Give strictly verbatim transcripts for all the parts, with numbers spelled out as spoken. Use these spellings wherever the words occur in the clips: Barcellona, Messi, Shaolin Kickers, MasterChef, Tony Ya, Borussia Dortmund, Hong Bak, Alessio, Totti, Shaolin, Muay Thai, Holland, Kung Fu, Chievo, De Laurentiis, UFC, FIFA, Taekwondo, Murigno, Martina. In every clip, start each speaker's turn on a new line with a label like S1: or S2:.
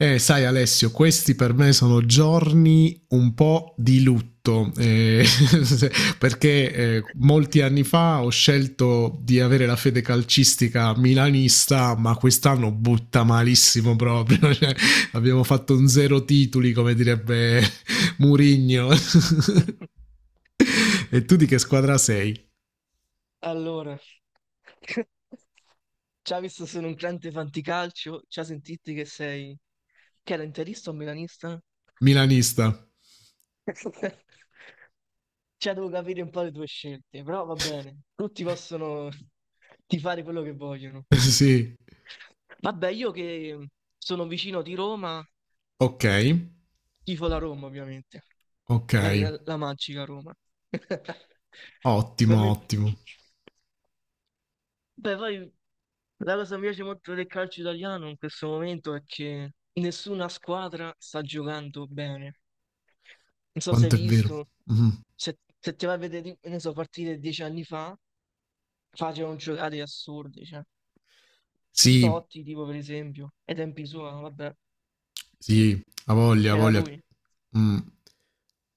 S1: Eh, sai Alessio, questi per me sono giorni un po' di lutto, eh, perché eh, molti anni fa ho scelto di avere la fede calcistica milanista, ma quest'anno butta malissimo proprio, cioè, abbiamo fatto un zero titoli, come direbbe Murigno. E tu di che squadra sei?
S2: Allora, ci ha visto sono un grande fanticalcio, ci ha sentito che sei... che era interista o milanista?
S1: Milanista.
S2: Cioè, devo capire un po' le tue scelte, però va bene, tutti possono tifare quello che vogliono.
S1: Sì,
S2: Vabbè, io che sono vicino di Roma,
S1: ok,
S2: tifo la Roma, ovviamente,
S1: ok,
S2: la, gra- la magica Roma.
S1: ottimo,
S2: Ovviamente...
S1: ottimo.
S2: Beh, poi la cosa che mi piace molto del calcio italiano in questo momento è che nessuna squadra sta giocando bene. Non so se hai
S1: Quanto è vero.
S2: visto,
S1: Mm.
S2: se, se ti vai a vedere, ne so, partite dieci anni fa, facevano giocate assurdi, cioè.
S1: Sì,
S2: Totti, tipo, per esempio, ai tempi suoi, vabbè,
S1: sì, ha voglia, ha
S2: c'era
S1: voglia.
S2: lui.
S1: Mm.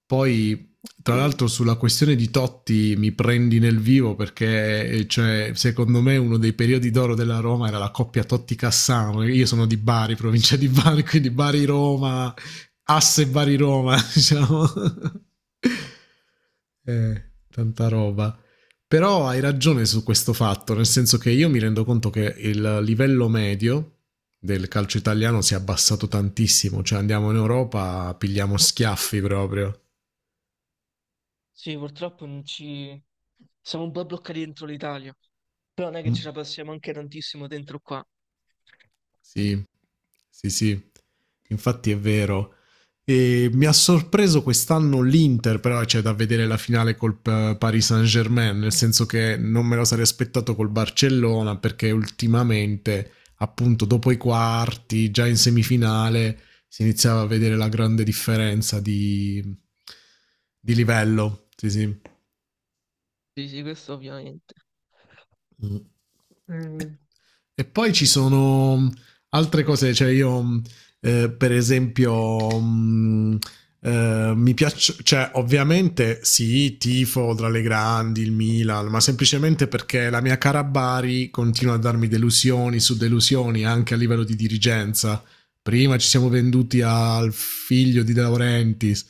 S1: Poi, tra l'altro,
S2: Mm.
S1: sulla questione di Totti mi prendi nel vivo perché, eh, cioè, secondo me, uno dei periodi d'oro della Roma era la coppia Totti-Cassano. Io sono di Bari, provincia di Bari, quindi Bari-Roma, asse Bari-Roma, diciamo. eh, Tanta roba. Però hai ragione su questo fatto, nel senso che io mi rendo conto che il livello medio del calcio italiano si è abbassato tantissimo, cioè andiamo in Europa, pigliamo schiaffi proprio.
S2: Sì, purtroppo non ci... siamo un po' bloccati dentro l'Italia, però non è che ce la passiamo anche tantissimo dentro qua.
S1: Sì, sì, sì, infatti è vero. E mi ha sorpreso quest'anno l'Inter, però c'è da vedere la finale col eh, Paris Saint-Germain, nel senso che non me lo sarei aspettato col Barcellona, perché ultimamente, appunto, dopo i quarti, già in semifinale, si iniziava a vedere la grande differenza di, di livello. Sì, sì.
S2: Sì, sì, questo ovviamente.
S1: Mm.
S2: Mm.
S1: E poi ci sono mm, altre cose, cioè io mm, eh, per esempio mm, eh, mi piace, cioè ovviamente sì, tifo tra le grandi, il Milan, ma semplicemente perché la mia cara Bari continua a darmi delusioni su delusioni anche a livello di dirigenza. Prima ci siamo venduti al figlio di De Laurentiis,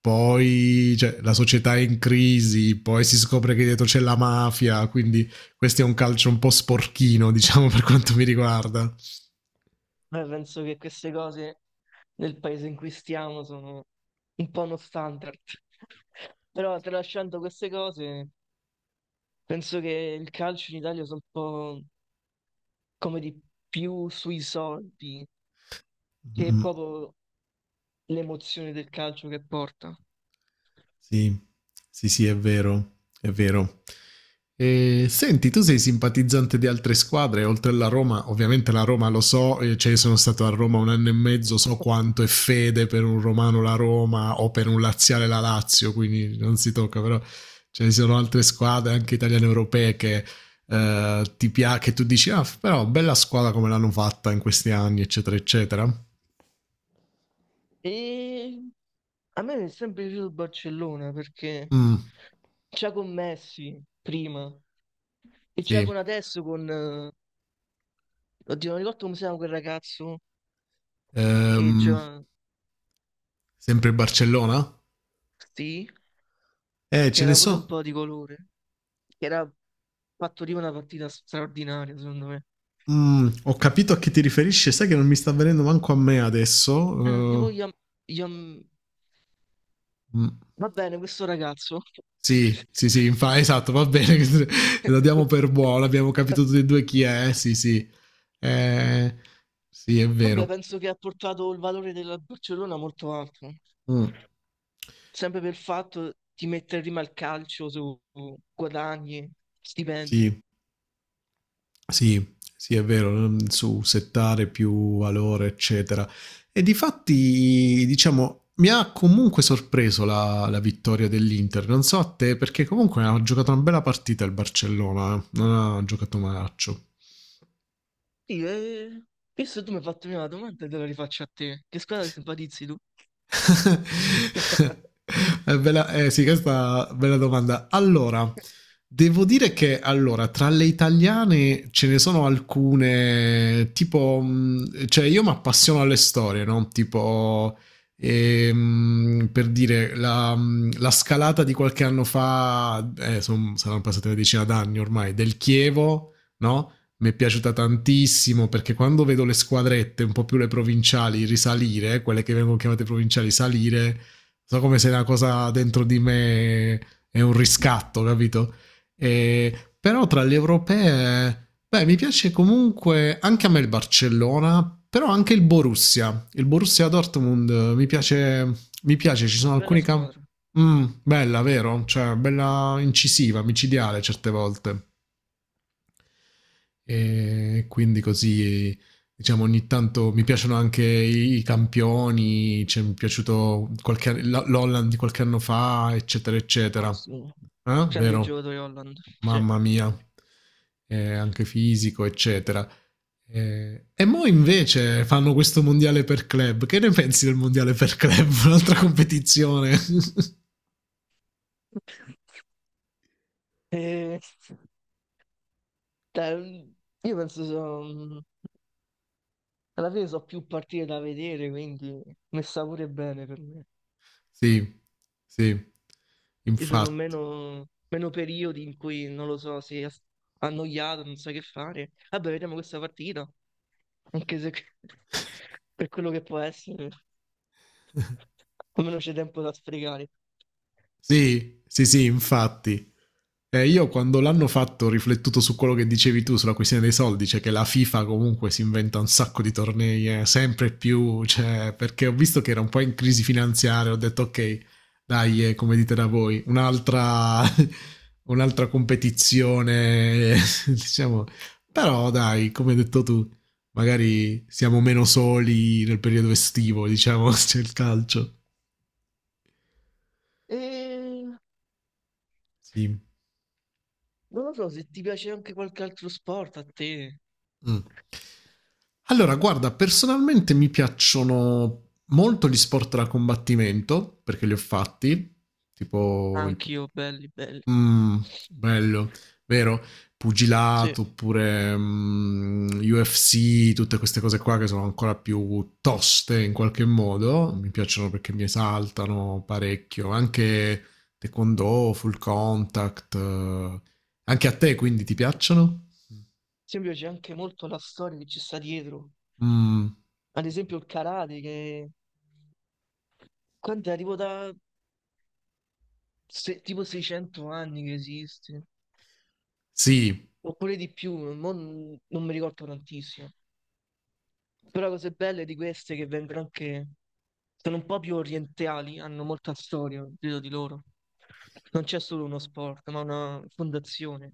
S1: poi cioè, la società è in crisi, poi si scopre che dietro c'è la mafia, quindi questo è un calcio un po' sporchino, diciamo, per quanto mi riguarda.
S2: Beh, penso che queste cose nel paese in cui stiamo sono un po' uno standard. Però tralasciando queste cose, penso che il calcio in Italia sia un po' come di più sui soldi che è
S1: Mm,
S2: proprio l'emozione del calcio che porta.
S1: sì, sì, sì, è vero, è vero. E, senti, tu sei simpatizzante di altre squadre, oltre alla Roma, ovviamente la Roma lo so, eh, cioè sono stato a Roma un anno e mezzo, so quanto è fede per un romano la Roma o per un laziale la Lazio, quindi non si tocca, però ce ne sono altre squadre, anche italiane europee, che eh, ti piace, che tu dici, ah, però bella squadra come l'hanno fatta in questi anni, eccetera, eccetera.
S2: E a me mi è sempre piaciuto il Barcellona perché
S1: Mh,
S2: c'è con Messi prima e c'è
S1: sì.
S2: con adesso con... eh, Oddio, non ricordo come si chiama quel ragazzo che
S1: Ehm,
S2: già...
S1: sempre Barcellona? Eh,
S2: che
S1: ce ne
S2: era pure un
S1: so
S2: po' di colore, che era fatto lì una partita straordinaria, secondo me.
S1: mhmm, ho capito a chi ti riferisci, sai che non mi sta venendo manco a me
S2: Eh, tipo,
S1: adesso.
S2: Iam- Iam-
S1: Ehm, mh,
S2: va bene, questo ragazzo.
S1: sì, sì, sì, infa esatto, va bene, la diamo per buona, abbiamo capito tutti e due chi è, eh, sì, sì. Ehm, sì, è
S2: Vabbè,
S1: vero.
S2: penso che ha portato il valore della Barcellona molto alto,
S1: Mh.
S2: sempre per il fatto di mettere prima il calcio su guadagni, stipendi.
S1: Sì. Sì, sì, è vero, non- su settare più valore, eccetera. E difatti, diciamo, mi ha comunque sorpreso la, la vittoria dell'Inter. Non so a te, perché comunque ha giocato una bella partita il Barcellona, eh. Non ha giocato malaccio.
S2: Sì, e... Visto che tu mi hai fatto prima la domanda, te la rifaccio a te. Che squadra ti simpatizzi tu?
S1: Eh, bella, eh, sì, questa è una bella domanda. Allora, devo dire che allora, tra le italiane ce ne sono alcune, tipo, mh, cioè io mi appassiono alle storie, no? Tipo, ehm, per dire, la, mh, la scalata di qualche anno fa, eh, son- saranno passate una decina d'anni ormai, del Chievo, no? Mi è piaciuta tantissimo perché quando vedo le squadrette, un po' più le provinciali, risalire, quelle che vengono chiamate provinciali, salire, so come se una cosa dentro di me è un riscatto, capito? E, però tra le europee, beh, mi piace comunque anche a me il Barcellona, però anche il Borussia, il Borussia Dortmund mi piace, mi piace ci sono
S2: Bella
S1: alcuni campi.
S2: squadra.
S1: Mm, bella, vero? Cioè, bella incisiva, micidiale certe volte. E quindi così, diciamo, ogni tanto mi piacciono anche i i campioni, cioè, mi è piaciuto qualche, la- l'Holland di qualche anno fa, eccetera, eccetera.
S2: Ah, sì.
S1: Eh?
S2: Grande
S1: Vero?
S2: giocatore Holland, sì.
S1: Mamma mia, eh, anche fisico, eccetera. Eh, e mo invece fanno questo mondiale per club. Che ne pensi del mondiale per club? Un'altra competizione.
S2: E, cioè, io penso, so- alla fine so più partite da vedere, quindi messa pure bene per me.
S1: Sì, sì,
S2: Ci sono
S1: infatti.
S2: meno, meno periodi in cui, non lo so, sei as- annoiato, non sai che fare. Vabbè, vediamo questa partita, anche se per quello che può essere, almeno c'è tempo da sfregare.
S1: Sì, sì, sì, infatti. Eh, io quando l'hanno fatto ho riflettuto su quello che dicevi tu sulla questione dei soldi, cioè che la FIFA comunque si inventa un sacco di tornei, eh, sempre più, cioè, perché ho visto che era un po' in crisi finanziaria, ho detto ok, dai, eh, come dite da voi, un'altra, un'altra competizione, diciamo, però dai, come hai detto tu, magari siamo meno soli nel periodo estivo, diciamo, c'è il calcio.
S2: E
S1: Sì.
S2: non lo so se ti piace anche qualche altro sport a te.
S1: Mm. Allora, guarda, personalmente mi piacciono molto gli sport da combattimento perché li ho fatti, tipo il... pu-
S2: Anch'io, belli, belli.
S1: Mm, bello, vero?
S2: Sì. Ad
S1: Pugilato oppure mm, U F C, tutte queste cose qua che sono ancora più toste in qualche modo, mi piacciono perché mi esaltano parecchio, anche Taekwondo, Full Contact, eh, anche a te quindi ti piacciono?
S2: esempio c'è anche molto la storia che ci sta dietro.
S1: Mm.
S2: Ad esempio il karate che... Quanto è? Tipo da... se- tipo seicento anni che esiste.
S1: Sì,
S2: Oppure di più, mo non, non mi ricordo tantissimo. Però cose belle di queste che vengono anche... Sono un po' più orientali, hanno molta storia dietro di loro. Non c'è solo uno sport, ma una fondazione,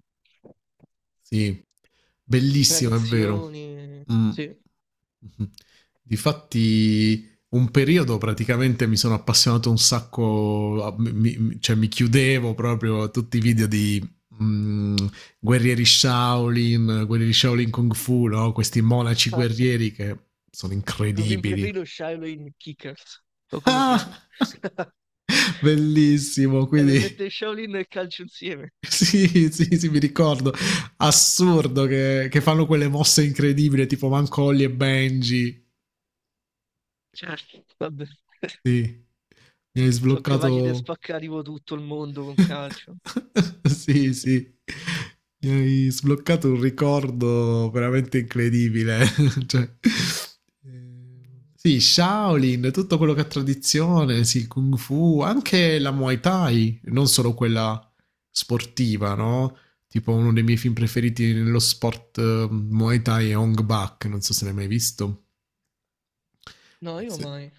S1: sì, bellissimo, è vero.
S2: tradizioni.
S1: Mm.
S2: Sì.
S1: Mhm. Difatti, un periodo praticamente mi sono appassionato un sacco, a- mi- mi- cioè mi chiudevo proprio a tutti i video di mm, guerrieri Shaolin, guerrieri Shaolin Kung Fu, no? Questi monaci guerrieri che sono
S2: Mi film
S1: incredibili.
S2: preferito è Shaolin Kickers, o come si chiama?
S1: Ah! Bellissimo,
S2: Eh, mi
S1: quindi
S2: mette Shaolin e calcio insieme.
S1: sì, sì, sì, mi ricordo. Assurdo che, che fanno quelle mosse incredibili, tipo Mancolli e Benji.
S2: Certo, vabbè.
S1: Sì, mi hai
S2: Sono capaci di
S1: sbloccato
S2: spaccare tipo tutto il mondo con calcio.
S1: sì, sì. Mi hai sbloccato un ricordo veramente incredibile. Cioè, ehm, sì, Shaolin, tutto quello che è tradizione, sì, Kung Fu, anche la Muay Thai, non solo quella sportiva, no? Tipo uno dei miei film preferiti nello sport eh, Muay Thai è Hong Bak, non so se l'hai mai visto.
S2: No,
S1: Eh,
S2: io
S1: se-
S2: mai.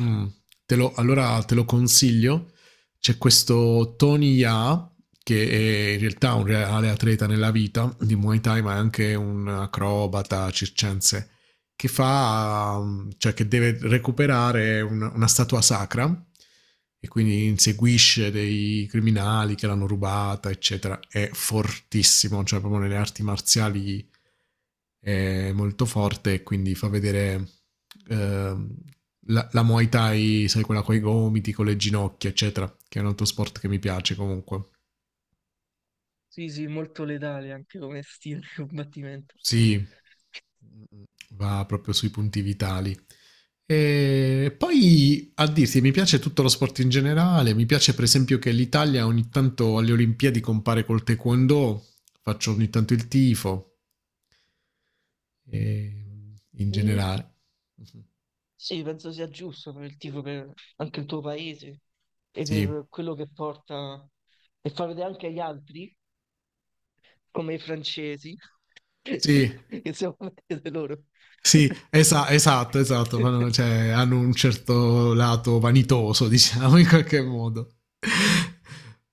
S1: Mm. Te lo- allora te lo consiglio. C'è questo Tony Ya, che è in realtà un reale atleta nella vita di Muay Thai, ma è anche un acrobata circense, che fa, um, cioè che deve recuperare una, una statua sacra e quindi inseguisce dei criminali che l'hanno rubata, eccetera. È fortissimo, cioè proprio nelle arti marziali è molto forte e quindi fa vedere ehm, la, la Muay Thai, sai, quella con i gomiti, con le ginocchia, eccetera, che è un altro sport che mi piace comunque.
S2: Sì, sì, molto letale anche come stile di combattimento.
S1: Sì, va proprio sui punti vitali. E poi a dirti, mi piace tutto lo sport in generale, mi piace per esempio che l'Italia ogni tanto alle Olimpiadi compare col taekwondo, faccio ogni tanto il tifo, e in
S2: Mm,
S1: generale.
S2: sì, penso sia giusto per il tifo, per anche il tuo paese e
S1: Sì,
S2: per quello che porta e far vedere anche agli altri come i francesi,
S1: sì,
S2: insieme a vedere loro.
S1: sì, esa- esatto, esatto, fanno- cioè, hanno un certo lato vanitoso, diciamo, in qualche modo.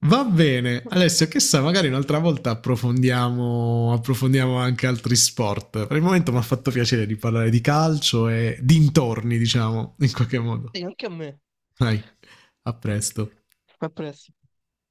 S1: Va bene, Alessio, che sa, magari un'altra volta approfondiamo, approfondiamo anche altri sport. Per il momento mi ha fatto piacere di parlare di calcio e dintorni, diciamo, in qualche modo.
S2: Sì, anche a me.
S1: Dai, a presto.
S2: A presto.